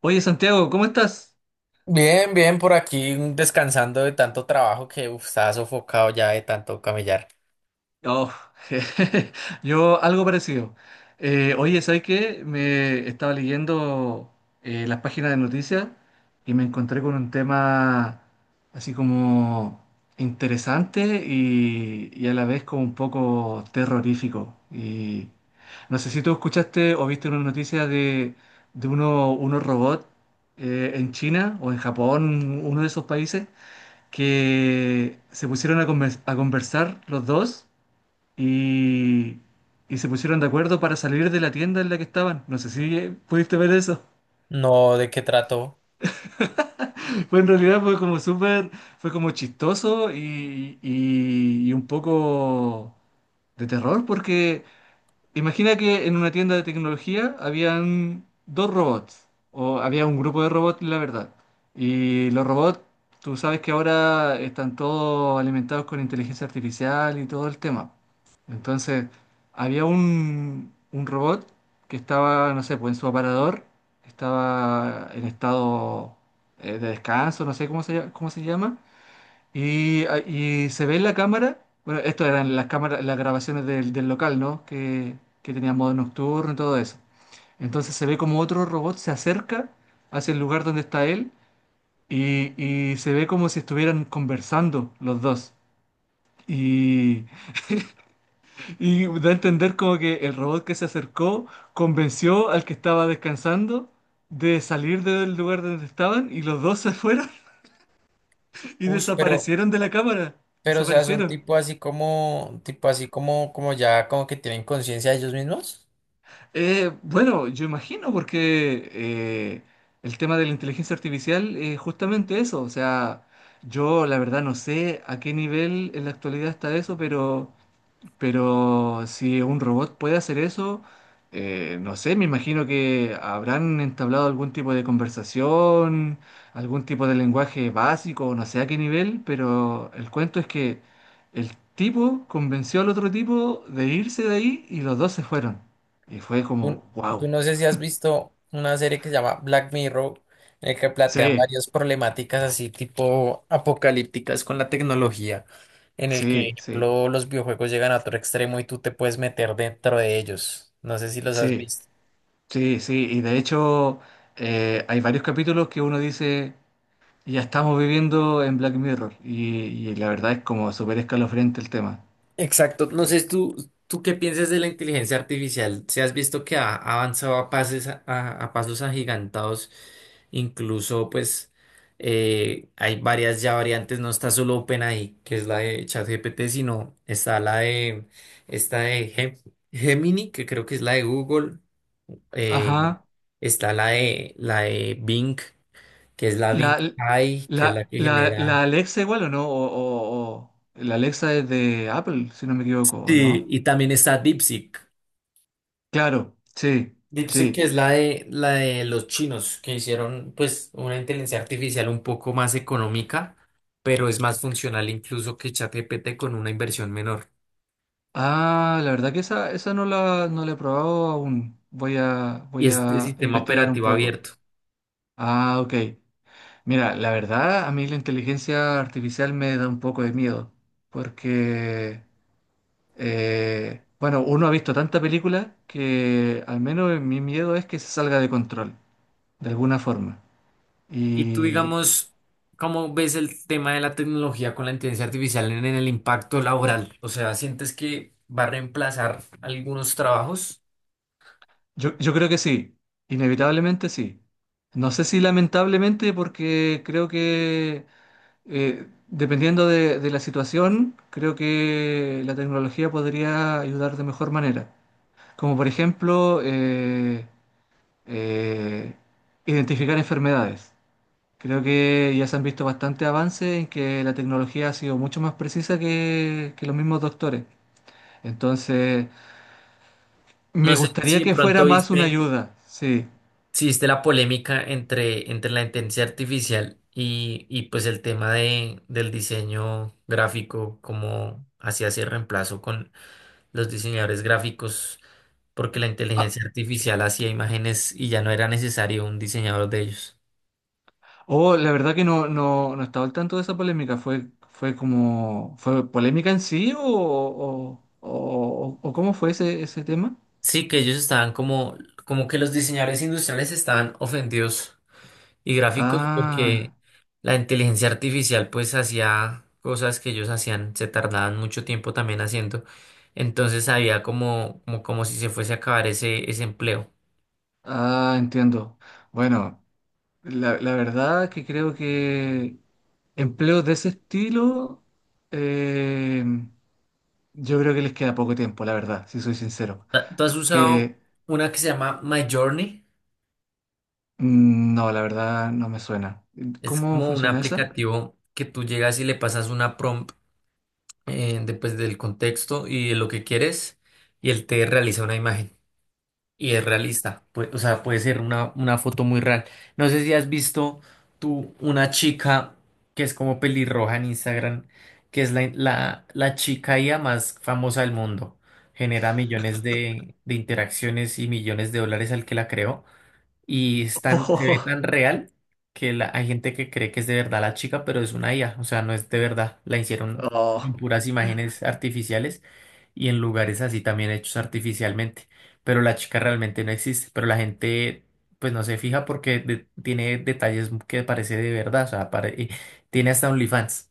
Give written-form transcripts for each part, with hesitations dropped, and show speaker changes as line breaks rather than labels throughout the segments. Oye, Santiago, ¿cómo estás?
Bien, bien, por aquí descansando de tanto trabajo que uf, estaba sofocado ya de tanto camellar.
Oh, yo algo parecido. Oye, ¿sabes qué? Me estaba leyendo las páginas de noticias y me encontré con un tema así como interesante y a la vez como un poco terrorífico. Y no sé si tú escuchaste o viste una noticia de unos robots en China o en Japón, uno de esos países que se pusieron a conversar los dos y, y se pusieron de acuerdo para salir de la tienda en la que estaban. No sé si pudiste ver eso.
No, ¿de qué trato?
Fue en realidad fue como súper, fue como chistoso y un poco de terror porque imagina que en una tienda de tecnología habían dos robots, o había un grupo de robots, la verdad. Y los robots, tú sabes que ahora están todos alimentados con inteligencia artificial y todo el tema. Entonces, había un robot que estaba, no sé, pues en su aparador, estaba en estado de descanso, no sé cómo cómo se llama, y se ve en la cámara, bueno, esto eran las cámaras, las grabaciones del local, ¿no? Que tenía modo nocturno y todo eso. Entonces se ve como otro robot se acerca hacia el lugar donde está él y se ve como si estuvieran conversando los dos. Y, y da a entender como que el robot que se acercó convenció al que estaba descansando de salir del lugar donde estaban y los dos se fueron y
Uy,
desaparecieron de la cámara.
pero o sea, son
Desaparecieron.
tipo así como, como ya como que tienen conciencia de ellos mismos.
Bueno, yo imagino porque el tema de la inteligencia artificial es justamente eso. O sea, yo la verdad no sé a qué nivel en la actualidad está eso, pero si un robot puede hacer eso, no sé, me imagino que habrán entablado algún tipo de conversación, algún tipo de lenguaje básico, no sé a qué nivel, pero el cuento es que el tipo convenció al otro tipo de irse de ahí y los dos se fueron. Y fue
Tú,
como, wow.
tú no sé si has visto una serie que se llama Black Mirror, en el que plantean
Sí,
varias problemáticas así tipo apocalípticas con la tecnología, en el que, por
sí, sí,
ejemplo, los videojuegos llegan a otro extremo y tú te puedes meter dentro de ellos. No sé si los has
sí,
visto.
sí, sí. Y de hecho, hay varios capítulos que uno dice. Ya estamos viviendo en Black Mirror y la verdad es como súper escalofriante el tema.
Exacto. No sé, tú qué piensas de la inteligencia artificial. Si has visto que ha avanzado a pases, a pasos agigantados, incluso pues hay varias ya variantes. No está solo OpenAI, que es la de ChatGPT, sino está la de esta de Gemini, que creo que es la de Google. eh,
Ajá.
Está la de Bing, que es la Bing
¿La,
AI, que es la que
la
genera.
Alexa igual o no? La Alexa es de Apple, si no me equivoco, ¿o
Sí,
no?
y también está DeepSeek.
Claro, sí,
DeepSeek
sí.
que es la de los chinos que hicieron pues una inteligencia artificial un poco más económica, pero es más funcional incluso que ChatGPT con una inversión menor.
Ah, la verdad que esa no la he probado aún.
Y
Voy
es de
a
sistema
investigar un
operativo
poco.
abierto.
Ah, ok. Mira, la verdad, a mí la inteligencia artificial me da un poco de miedo porque... Bueno, uno ha visto tanta película que al menos mi miedo es que se salga de control, de alguna forma.
Y tú
Y
digamos, ¿cómo ves el tema de la tecnología con la inteligencia artificial en el impacto laboral? O sea, ¿sientes que va a reemplazar algunos trabajos?
yo creo que sí, inevitablemente sí. No sé si lamentablemente porque creo que dependiendo de la situación, creo que la tecnología podría ayudar de mejor manera. Como por ejemplo, eh, identificar enfermedades. Creo que ya se han visto bastantes avances en que la tecnología ha sido mucho más precisa que los mismos doctores. Entonces,
No
me
sé si
gustaría
de
que fuera
pronto
más una
viste.
ayuda, sí.
Existe la polémica entre, entre la inteligencia artificial y pues el tema de, del diseño gráfico, como hacía ese reemplazo con los diseñadores gráficos, porque la
Ah,
inteligencia artificial hacía imágenes y ya no era necesario un diseñador de ellos.
oh, la verdad que no, no, no estaba al tanto de esa polémica. Fue como, fue polémica en sí o cómo fue ese, ese tema?
Sí, que ellos estaban como, como que los diseñadores industriales estaban ofendidos y gráficos
Ah,
porque la inteligencia artificial pues hacía cosas que ellos hacían, se tardaban mucho tiempo también haciendo. Entonces había como, como, como si se fuese a acabar ese, ese empleo.
ah, entiendo. Bueno, la verdad que creo que empleos de ese estilo... em, Yo creo que les queda poco tiempo, la verdad, si soy sincero.
¿Tú has usado
Porque
una que se llama My Journey?
no, la verdad no me suena.
Es
¿Cómo
como un
funciona esa?
aplicativo que tú llegas y le pasas una prompt después del contexto y de lo que quieres y él te realiza una imagen. Y es realista, pues, o sea, puede ser una foto muy real. No sé si has visto tú una chica que es como pelirroja en Instagram, que es la, la, la chica IA más famosa del mundo. Genera millones de interacciones y millones de dólares al que la creó. Y es se ve tan real que hay gente que cree que es de verdad la chica, pero es una IA, o sea, no es de verdad. La hicieron
Oh,
en
oh.
puras imágenes artificiales y en lugares así también hechos artificialmente. Pero la chica realmente no existe, pero la gente pues no se fija porque tiene detalles que parece de verdad, o sea, y tiene hasta OnlyFans.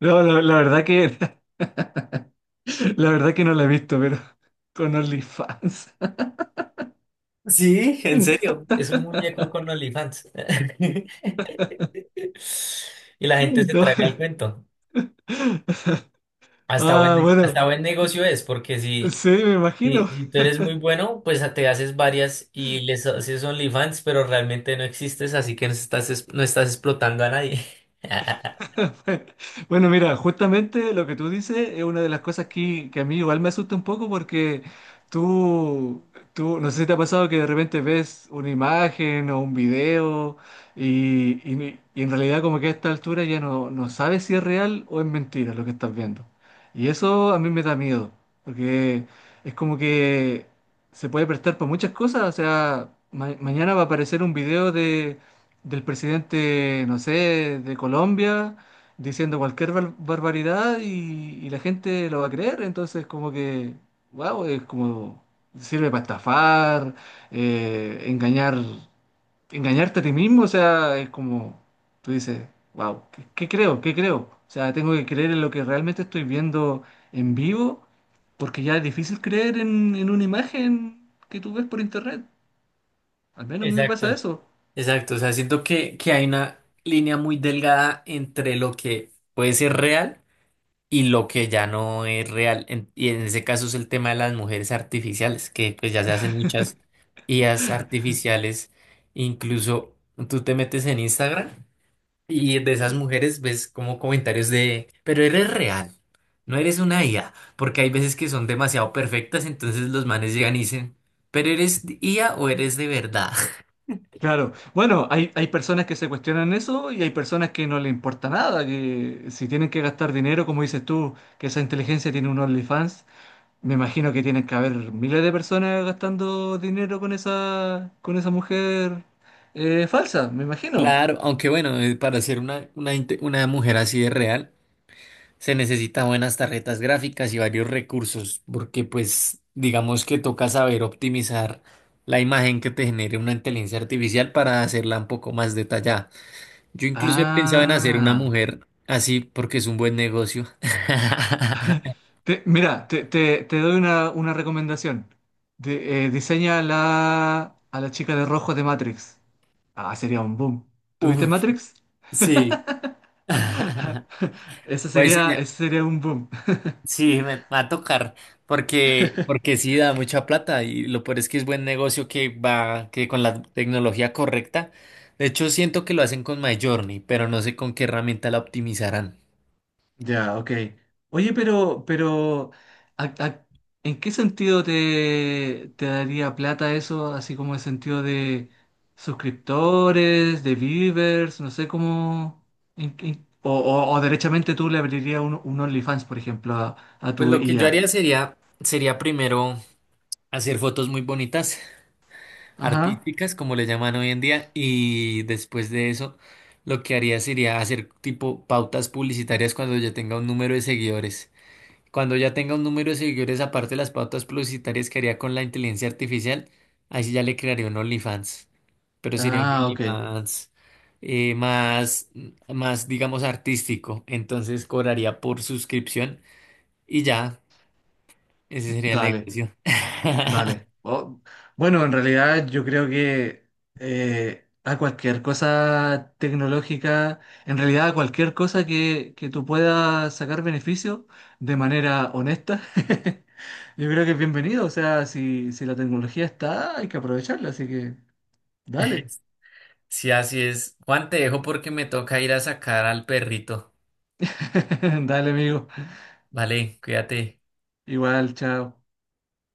No, la verdad que la verdad que no la he visto, pero con OnlyFans.
Sí, en serio, es un muñeco con OnlyFans. Y la gente se traga
No.
el cuento.
Ah,
Hasta
bueno,
buen negocio es, porque si,
sí, me
si,
imagino.
si tú eres muy bueno, pues te haces varias y les haces OnlyFans, pero realmente no existes, así que no estás, no estás explotando a nadie.
Bueno, mira, justamente lo que tú dices es una de las cosas que a mí igual me asusta un poco porque tú, tú, no sé si te ha pasado que de repente ves una imagen o un video y, y y en realidad como que a esta altura ya no sabes si es real o es mentira lo que estás viendo. Y eso a mí me da miedo, porque es como que se puede prestar para muchas cosas, o sea, mañana va a aparecer un video de del presidente, no sé, de Colombia diciendo cualquier barbaridad y la gente lo va a creer. Entonces, como que, wow, es como, sirve para estafar, engañar, engañarte a ti mismo. O sea, es como, tú dices, wow, ¿qué, qué creo? ¿Qué creo? O sea, tengo que creer en lo que realmente estoy viendo en vivo, porque ya es difícil creer en una imagen que tú ves por internet. Al menos a mí me
Exacto.
pasa eso.
Exacto, o sea, siento que hay una línea muy delgada entre lo que puede ser real y lo que ya no es real. Y en ese caso es el tema de las mujeres artificiales, que pues ya se hacen muchas IAs artificiales. Incluso tú te metes en Instagram. Y de esas mujeres ves como comentarios de, pero eres real, no eres una IA, porque hay veces que son demasiado perfectas, entonces los manes llegan y dicen, pero eres IA o eres de verdad.
Claro, bueno, hay personas que se cuestionan eso y hay personas que no le importa nada, que si tienen que gastar dinero, como dices tú, que esa inteligencia tiene un OnlyFans, me imagino que tienen que haber miles de personas gastando dinero con esa mujer falsa, me imagino.
Claro, aunque bueno, para ser una, una mujer así de real, se necesitan buenas tarjetas gráficas y varios recursos, porque pues digamos que toca saber optimizar la imagen que te genere una inteligencia artificial para hacerla un poco más detallada. Yo incluso he pensado en hacer una
Ah,
mujer así porque es un buen negocio.
mira, te doy una recomendación. Diseña a la chica de rojo de Matrix. Ah, sería un boom. ¿Tuviste
Uf,
Matrix?
sí. Voy a diseñar-
Ese sería un boom.
Sí, me va a tocar porque, porque sí da mucha plata y lo peor es que es buen negocio que va que con la tecnología correcta. De hecho, siento que lo hacen con MyJourney, pero no sé con qué herramienta la optimizarán.
Ya, ok. Oye, pero, ¿a- a- ¿en qué sentido te, te daría plata eso? Así como en sentido de suscriptores, de viewers, no sé cómo. O, o derechamente tú le abrirías un OnlyFans, por ejemplo, a
Pues
tu
lo que yo
IA.
haría sería, sería primero hacer fotos muy bonitas
Ajá.
artísticas, como le llaman hoy en día, y después de eso, lo que haría sería hacer tipo pautas publicitarias cuando ya tenga un número de seguidores. Cuando ya tenga un número de seguidores, aparte de las pautas publicitarias que haría con la inteligencia artificial, ahí sí ya le crearía un OnlyFans. Pero sería un
Ah, ok.
OnlyFans más, más, digamos, artístico. Entonces cobraría por suscripción y ya, ese sería el
Dale.
negocio.
Dale. Oh, Bueno, en realidad yo creo que a cualquier cosa tecnológica, en realidad a cualquier cosa que tú puedas sacar beneficio de manera honesta, yo creo que es bienvenido. O sea, si la tecnología está, hay que aprovecharla. Así que dale.
Sí, así es. Juan, te dejo porque me toca ir a sacar al perrito.
Dale, amigo.
Vale, cuídate.
Igual, chao.